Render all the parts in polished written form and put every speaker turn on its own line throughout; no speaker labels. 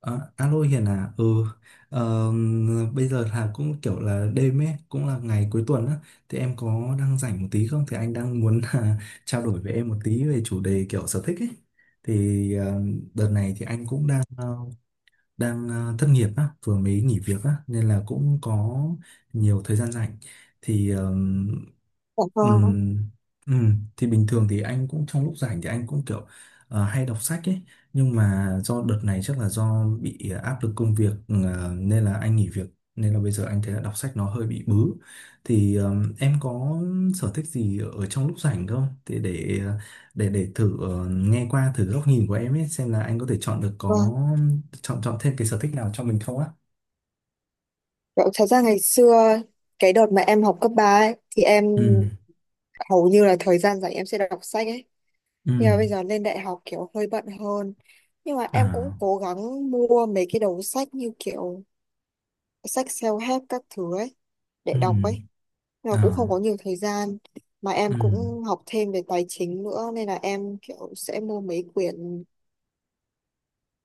Ờ, Alo Hiền à, ờ, bây giờ là cũng kiểu là đêm ấy cũng là ngày cuối tuần á, thì em có đang rảnh một tí không? Thì anh đang muốn là trao đổi với em một tí về chủ đề kiểu sở thích ấy. Thì đợt này thì anh cũng đang thất nghiệp á, vừa mới nghỉ việc á, nên là cũng có nhiều thời gian rảnh. thì ờ,
Dạ
Ừ,
vâng,
ừ. Thì bình thường thì anh cũng trong lúc rảnh thì anh cũng kiểu hay đọc sách ấy, nhưng mà do đợt này chắc là do bị áp lực công việc nên là anh nghỉ việc, nên là bây giờ anh thấy là đọc sách nó hơi bị bứ. Thì em có sở thích gì ở trong lúc rảnh không, thì để thử nghe qua thử góc nhìn của em ấy, xem là anh có thể chọn được,
vâng.
có chọn chọn thêm cái sở thích nào cho mình không á?
Dạ, thật ra ngày xưa cái đợt mà em học cấp 3 ấy, thì em
Ừ.
hầu như là thời gian rảnh em sẽ đọc sách ấy.
Ừ.
Nhưng mà bây giờ lên đại học kiểu hơi bận hơn. Nhưng mà em cũng
À.
cố gắng mua mấy cái đầu sách như kiểu sách self-help các thứ ấy để
Ừ.
đọc ấy. Nhưng mà cũng không
À.
có nhiều thời gian. Mà em
Ừ.
cũng học thêm về tài chính nữa nên là em kiểu sẽ mua mấy quyển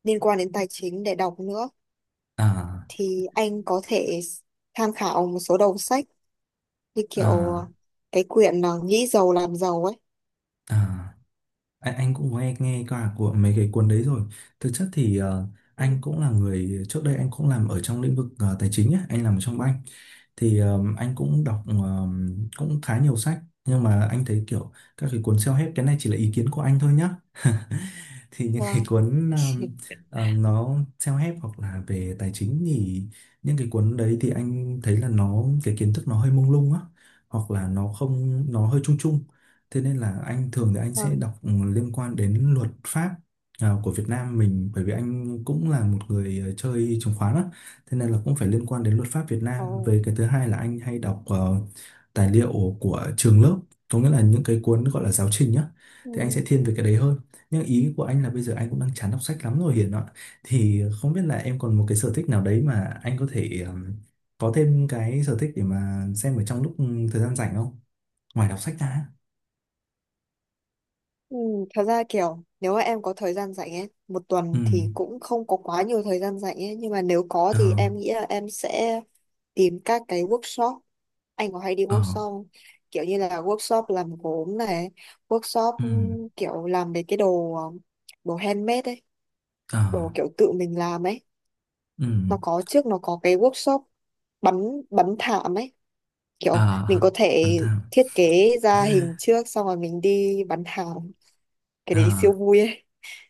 liên quan đến tài chính để đọc nữa.
À.
Thì anh có thể tham khảo một số đầu sách như kiểu
À.
cái quyển là nghĩ giàu làm giàu ấy.
À, anh cũng nghe nghe qua của mấy cái cuốn đấy rồi. Thực chất thì
Ừ.
anh cũng là người trước đây anh cũng làm ở trong lĩnh vực tài chính á, anh làm ở trong bank. Thì anh cũng đọc cũng khá nhiều sách, nhưng mà anh thấy kiểu các cái cuốn self-help, cái này chỉ là ý kiến của anh thôi nhá. Thì những cái
Wow.
cuốn nó self-help hoặc là về tài chính thì những cái cuốn đấy thì anh thấy là nó, cái kiến thức nó hơi mông lung á, hoặc là nó không, nó hơi chung chung. Thế nên là anh thường thì anh sẽ
Vâng.
đọc liên quan đến luật pháp, à, của Việt Nam mình, bởi vì anh cũng là một người chơi chứng khoán á, thế nên là cũng phải liên quan đến luật pháp Việt
Ờ.
Nam. Về cái thứ hai là anh hay đọc tài liệu của trường lớp, có nghĩa là những cái cuốn gọi là giáo trình nhá. Thì anh
Ừ.
sẽ thiên về cái đấy hơn. Nhưng ý của anh là bây giờ anh cũng đang chán đọc sách lắm rồi Hiền ạ. Thì không biết là em còn một cái sở thích nào đấy mà anh có thể có thêm cái sở thích để mà xem ở trong lúc thời gian rảnh không? Ngoài đọc sách ra.
Ừ. Thật ra kiểu nếu mà em có thời gian rảnh ấy, một
Ừ.
tuần thì cũng không có quá nhiều thời gian rảnh ấy, nhưng mà nếu có
Ờ.
thì em nghĩ là em sẽ tìm các cái workshop. Anh có hay đi
Ờ.
workshop không? Kiểu như là workshop làm gốm này, workshop
Ừ.
kiểu làm mấy cái đồ đồ handmade ấy,
Ờ.
đồ kiểu tự mình làm ấy.
Ừ.
Nó có trước nó có cái workshop bắn bắn thảm ấy. Kiểu mình
Ờ.
có thể
Bán thảo.
thiết kế ra hình trước xong rồi mình đi bán hàng cái
Ờ.
đấy siêu vui ấy.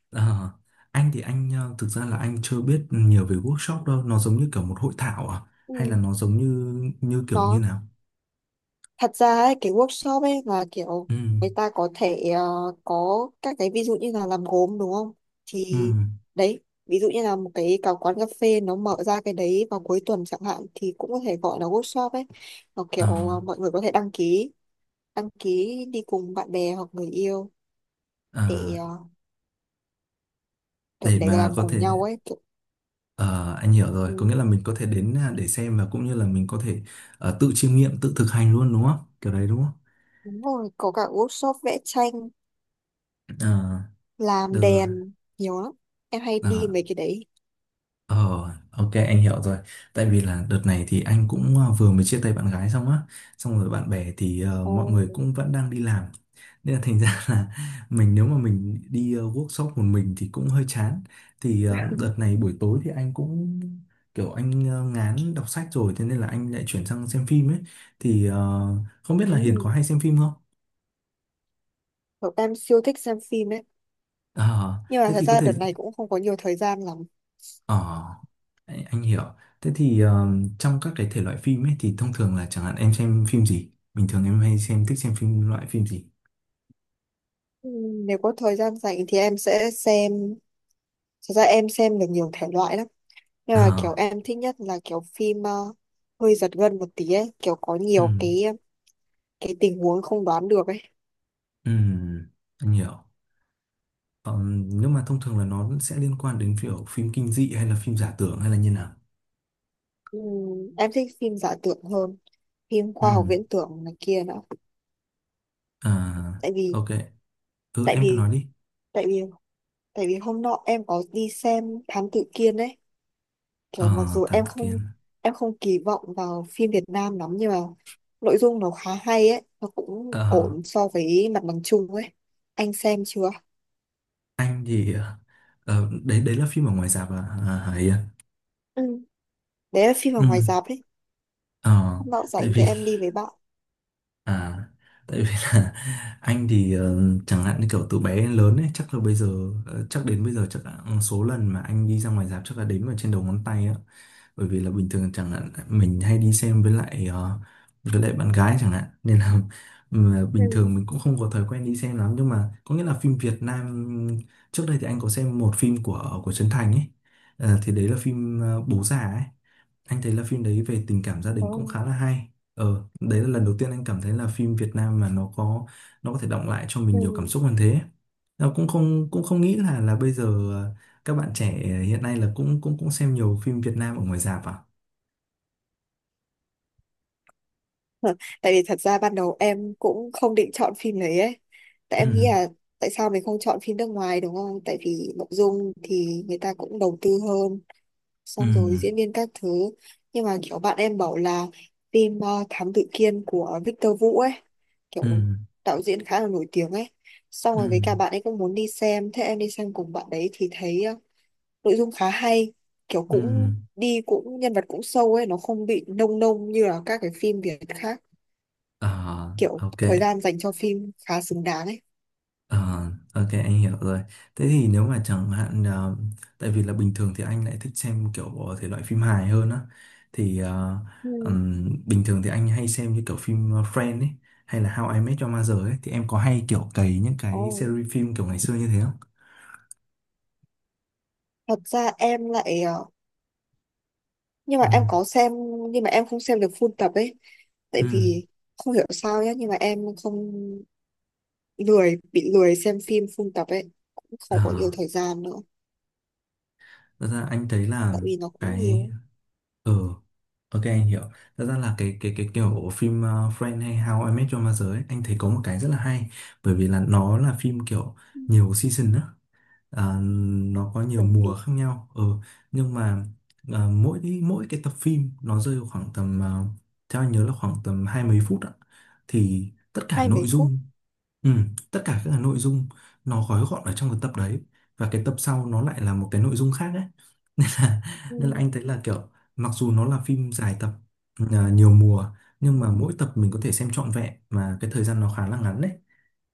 Ờ. Anh thì anh thực ra là anh chưa biết nhiều về workshop đâu, nó giống như kiểu một hội thảo à? Hay là
Ừ.
nó giống như như kiểu như
Nó
nào?
thật ra ấy, cái workshop ấy là kiểu
Ừ.
người ta có thể có các cái ví dụ như là làm gốm đúng không,
Ừ.
thì đấy ví dụ như là một cái cả quán cà phê nó mở ra cái đấy vào cuối tuần chẳng hạn thì cũng có thể gọi là workshop ấy, nó kiểu
Ờ.
mọi người có thể đăng ký đi cùng bạn bè hoặc người yêu
Ờ.
để kiểu
để
để
mà
làm
có
cùng
thể
nhau ấy kiểu.
ờ Anh hiểu
Ừ.
rồi, có nghĩa là mình có thể đến, à, để xem và cũng như là mình có thể tự chiêm nghiệm, tự thực hành luôn, đúng không? Kiểu đấy đúng không?
Đúng rồi, có cả workshop vẽ tranh,
Ờ.
làm
Được rồi.
đèn, nhiều lắm. Em hay
Ờ,
đi mấy cái đấy.
Ờ, ok, anh hiểu rồi. Tại vì là đợt này thì anh cũng vừa mới chia tay bạn gái xong á, xong rồi bạn bè thì
Ồ.
mọi người cũng vẫn đang đi làm. Nên là thành ra là mình nếu mà mình đi workshop một mình thì cũng hơi chán. Thì đợt này buổi tối thì anh cũng kiểu anh ngán đọc sách rồi, thế nên là anh lại chuyển sang xem phim ấy. Thì không biết
Ừ.
là Hiền có hay xem phim không?
Cậu em siêu thích xem phim ấy.
Ờ,
Nhưng mà
thế
thật
thì có
ra
thể.
đợt này cũng không có nhiều thời gian lắm.
Ờ, anh hiểu. Thế thì trong các cái thể loại phim ấy thì thông thường là chẳng hạn em xem phim gì? Bình thường em hay xem, thích xem phim, loại phim gì?
Ừ, nếu có thời gian rảnh thì em sẽ xem, thật ra em xem được nhiều thể loại lắm. Nhưng mà kiểu
À.
em thích nhất là kiểu phim hơi giật gân một tí ấy, kiểu có
Ừ,
nhiều cái tình huống không đoán được ấy.
ừ, anh hiểu. Nhưng mà thông thường là nó sẽ liên quan đến kiểu phim kinh dị hay là phim giả tưởng hay là như nào?
Ừ, em thích phim giả tưởng hơn, phim
Ừ.
khoa học viễn tưởng này kia nữa.
À,
Tại vì,
ok. Ừ,
tại
em cứ
vì
nói đi.
tại vì tại vì hôm nọ em có đi xem Thám Tử Kiên ấy, kiểu mặc
Ờ,
dù
Thám
em
Tử Kiên.
không em không kỳ vọng vào phim Việt Nam lắm, nhưng mà nội dung nó khá hay ấy, nó cũng
Ờ,
ổn so với mặt bằng chung ấy. Anh xem chưa?
anh thì... đấy đấy là phim ở ngoài rạp à? À, Hải à?
Ừ, đấy là phim ở
Ừ.
ngoài rạp đấy.
Ờ,
Hôm nọ
tại
rảnh thì
vì
em đi với bạn.
À, tại vì là anh thì chẳng hạn như kiểu từ bé đến lớn ấy, chắc là bây giờ chắc đến bây giờ chắc là số lần mà anh đi ra ngoài rạp chắc là đếm vào trên đầu ngón tay á, bởi vì là bình thường chẳng hạn mình hay đi xem với lại với lại bạn gái chẳng hạn nên là mà
Ừ.
bình thường mình cũng không có thói quen đi xem lắm, nhưng mà có nghĩa là phim Việt Nam trước đây thì anh có xem một phim của Trấn Thành ấy, Ờ, thì đấy là phim Bố Già ấy. Anh thấy là phim đấy về tình cảm gia
Ồ.
đình cũng khá là hay. Ờ, đấy là lần đầu tiên anh cảm thấy là phim Việt Nam mà nó có thể đọng lại cho mình nhiều cảm
Ừ.
xúc hơn thế. Nó cũng không nghĩ là bây giờ ờ, các bạn trẻ hiện nay là cũng cũng cũng xem nhiều phim Việt Nam ở ngoài rạp à?
Tại vì thật ra ban đầu em cũng không định chọn phim đấy ấy, tại
Ừ,
em nghĩ là tại sao mình không chọn phim nước ngoài đúng không, tại vì nội dung thì người ta cũng đầu tư hơn,
ừ,
xong rồi diễn viên các thứ. Nhưng mà kiểu bạn em bảo là phim Thám Tử Kiên của Victor Vũ ấy,
ừ,
kiểu đạo diễn khá là nổi tiếng ấy, xong
ừ,
rồi với cả
ừ.
bạn ấy cũng muốn đi xem, thế em đi xem cùng bạn đấy thì thấy nội dung khá hay, kiểu
Ừ.
cũng đi cũng nhân vật cũng sâu ấy, nó không bị nông nông như là các cái phim Việt khác,
Ờ,
kiểu
ok.
thời gian dành cho phim khá xứng đáng ấy.
Ờ, ok, anh hiểu rồi. Thế thì nếu mà chẳng hạn tại vì là bình thường thì anh lại thích xem kiểu thể loại phim hài hơn á, thì
Ừ.
bình thường thì anh hay xem như kiểu phim Friends ấy hay là How I Met Your Mother ấy, thì em có hay kiểu cày những cái
Ồ,
series phim kiểu ngày xưa như thế không?
thật ra em lại nhưng mà
Ừ.
em có xem, nhưng mà em không xem được full tập ấy, tại vì không hiểu sao nhé, nhưng mà em không lười bị lười xem phim full tập ấy, cũng
Ừ.
không có nhiều thời gian nữa,
Thật ra anh thấy là
tại vì nó cũng
cái...
nhiều.
ừ ok, anh hiểu. Thật ra là cái kiểu phim Friends hay How I Met Your Mother ấy, anh thấy có một cái rất là hay, bởi vì là nó là phim kiểu
Ừ,
nhiều season á, à, nó có nhiều
đúng
mùa
đúng.
khác nhau. Ừ, nhưng mà à, mỗi mỗi cái tập phim nó rơi vào khoảng tầm, à, theo anh nhớ là khoảng tầm hai mấy phút ạ, thì tất cả
Hai
nội
mấy phút.
dung... Ừ, tất cả các cái nội dung nó gói gọn ở trong cái tập đấy, và cái tập sau nó lại là một cái nội dung khác ấy, nên là
Ừ,
anh thấy là kiểu mặc dù nó là phim dài tập, à, nhiều mùa, nhưng mà mỗi tập mình có thể xem trọn vẹn mà cái thời gian nó khá là ngắn đấy.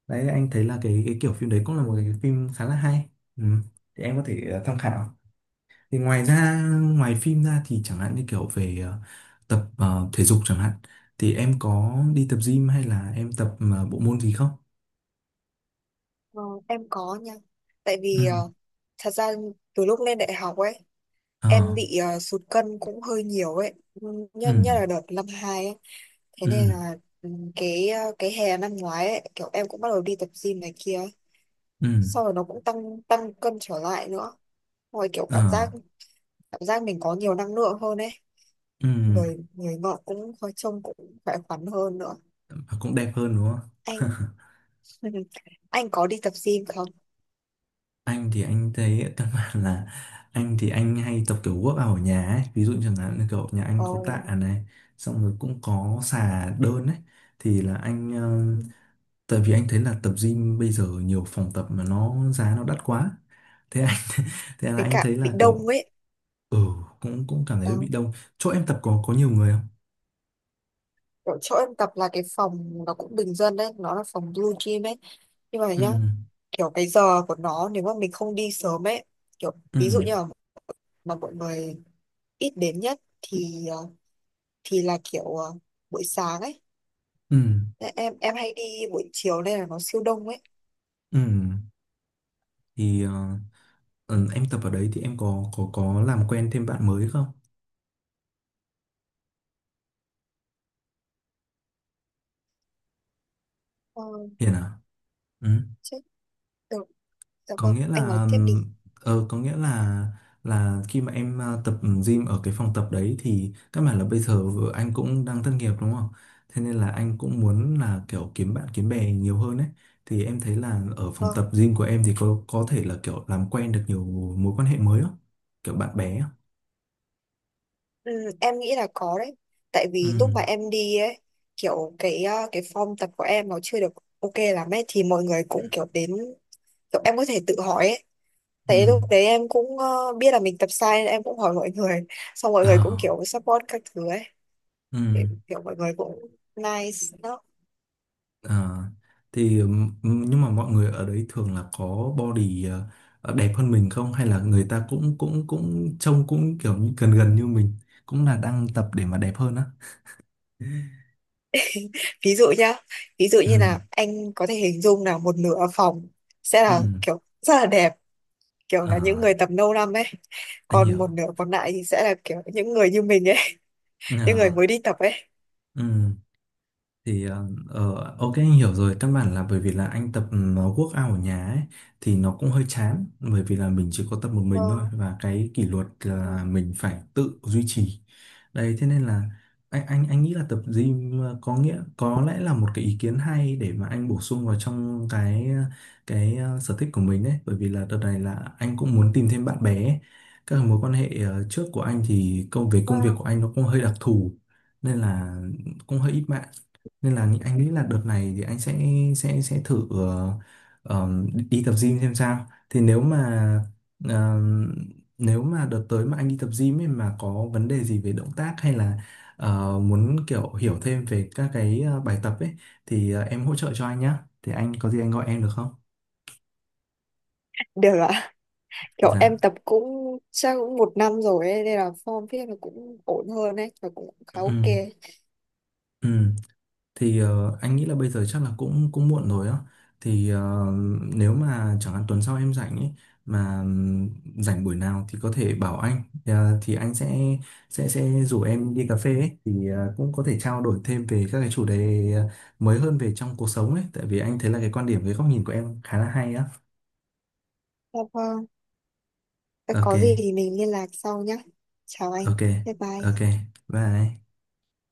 Đấy anh thấy là cái kiểu phim đấy cũng là
ừ.
một cái phim khá là hay. Ừ. Thì em có thể tham khảo. Thì ngoài ra, ngoài phim ra thì chẳng hạn như kiểu về tập thể dục chẳng hạn, thì em có đi tập gym hay là em tập bộ môn gì không?
Ờ, em có nha. Tại vì
Ừ.
thật ra từ lúc lên đại học ấy
Ờ.
em bị sụt cân cũng hơi nhiều ấy. Ừ,
Ừ.
nhất nhất là đợt năm hai ấy, thế
Ừ.
nên là ừ, cái hè năm ngoái ấy kiểu em cũng bắt đầu đi tập gym này kia ấy.
Ừ.
Sau rồi nó cũng tăng tăng cân trở lại nữa, rồi kiểu
Ờ.
cảm giác mình có nhiều năng lượng hơn ấy,
Ừ.
người người ngọ cũng hơi trông cũng khỏe khoắn hơn nữa.
Và cũng đẹp hơn đúng
Anh.
không?
Anh có đi tập gym không?
Anh thì anh thấy căn bản là anh thì anh hay tập kiểu work out ở nhà ấy, ví dụ chẳng hạn như kiểu nhà anh có
Ồ,
tạ này, xong rồi cũng có xà đơn ấy. Thì là anh tại vì anh thấy là tập gym bây giờ nhiều phòng tập mà nó giá nó đắt quá, thế anh... Thế là
với
anh
cả
thấy
bị
là
đông
kiểu...
ấy
ừ cũng cũng cảm thấy bị
đó.
đông. Chỗ em tập có nhiều người không?
Kiểu chỗ em tập là cái phòng nó cũng bình dân đấy, nó là phòng blue gym ấy, nhưng mà
Ừ.
nhá, kiểu cái giờ của nó nếu mà mình không đi sớm ấy, kiểu
Ừ.
ví dụ như là mà mọi người ít đến nhất thì thì là kiểu buổi sáng ấy.
Ừ.
Thế em hay đi buổi chiều nên là nó siêu đông ấy.
Ừ. Thì em tập ở đấy thì em có làm quen thêm bạn mới không?
Ờ,
Hiền à? Ừ.
chết. Được. Dạ
Có
vâng,
nghĩa
anh nói
là
tiếp đi.
có nghĩa là khi mà em tập gym ở cái phòng tập đấy thì các bạn là bây giờ anh cũng đang thất nghiệp đúng không, thế nên là anh cũng muốn là kiểu kiếm bạn kiếm bè nhiều hơn ấy, thì em thấy là ở phòng
Vâng,
tập gym của em thì có thể là kiểu làm quen được nhiều mối quan hệ mới không? Kiểu bạn bè á.
ừ, em nghĩ là có đấy. Tại
Ừ.
vì lúc mà em đi ấy, kiểu cái form tập của em nó chưa được ok lắm ấy, thì mọi người cũng kiểu đến, kiểu em có thể tự hỏi ấy.
Ừ.
Tại lúc đấy em cũng biết là mình tập sai nên em cũng hỏi mọi người. Xong mọi
Ờ.
người cũng kiểu support các thứ ấy.
Ừ.
Kiểu kiểu mọi người cũng nice đó.
À, thì nhưng mà mọi người ở đấy thường là có body đẹp hơn mình không, hay là người ta cũng cũng cũng trông cũng kiểu như gần gần như mình cũng là đang tập để mà đẹp hơn á?
Ví dụ nhá, ví dụ
Ừ.
như là anh có thể hình dung là một nửa phòng sẽ
Ừ.
là kiểu rất là đẹp. Kiểu là những người
À,
tập lâu năm ấy,
anh
còn
hiểu.
một nửa còn lại thì sẽ là kiểu những người như mình ấy, những người
À,
mới đi tập ấy.
ừ, thì ok, anh hiểu rồi. Căn bản là bởi vì là anh tập nó workout ở nhà ấy, thì nó cũng hơi chán bởi vì là mình chỉ có tập một mình thôi,
Wow,
và cái kỷ luật là mình phải tự duy trì. Đấy, thế nên là anh nghĩ là tập gym có nghĩa có lẽ là một cái ý kiến hay để mà anh bổ sung vào trong cái, sở thích của mình đấy, bởi vì là đợt này là anh cũng muốn tìm thêm bạn bè ấy. Các mối quan hệ trước của anh thì về công việc
wow.
của anh nó cũng hơi đặc thù, nên là cũng hơi ít bạn. Nên là anh nghĩ là đợt này thì anh sẽ sẽ thử đi tập gym xem sao. Thì nếu mà ờm, nếu mà đợt tới mà anh đi tập gym ấy mà có vấn đề gì về động tác hay là muốn kiểu hiểu thêm về các cái bài tập ấy, thì em hỗ trợ cho anh nhá. Thì anh có gì anh gọi em được không?
Được ạ, kiểu em
Dạ.
tập cũng chắc cũng một năm rồi ấy nên là form viết nó cũng ổn hơn ấy và cũng khá ok.
Ừ. Ừ. Thì anh nghĩ là bây giờ chắc là cũng cũng muộn rồi á. Thì nếu mà chẳng hạn tuần sau em rảnh ấy mà rảnh buổi nào thì có thể bảo anh. Ờ, thì anh sẽ sẽ rủ em đi cà phê ấy, thì cũng có thể trao đổi thêm về các cái chủ đề mới hơn về trong cuộc sống ấy, tại vì anh thấy là cái quan điểm, cái góc nhìn của em khá là hay á.
Dạ vâng. Thế
Ok.
có gì thì mình liên lạc sau nhé. Chào anh.
Ok.
Bye
Ok.
bye.
Bye.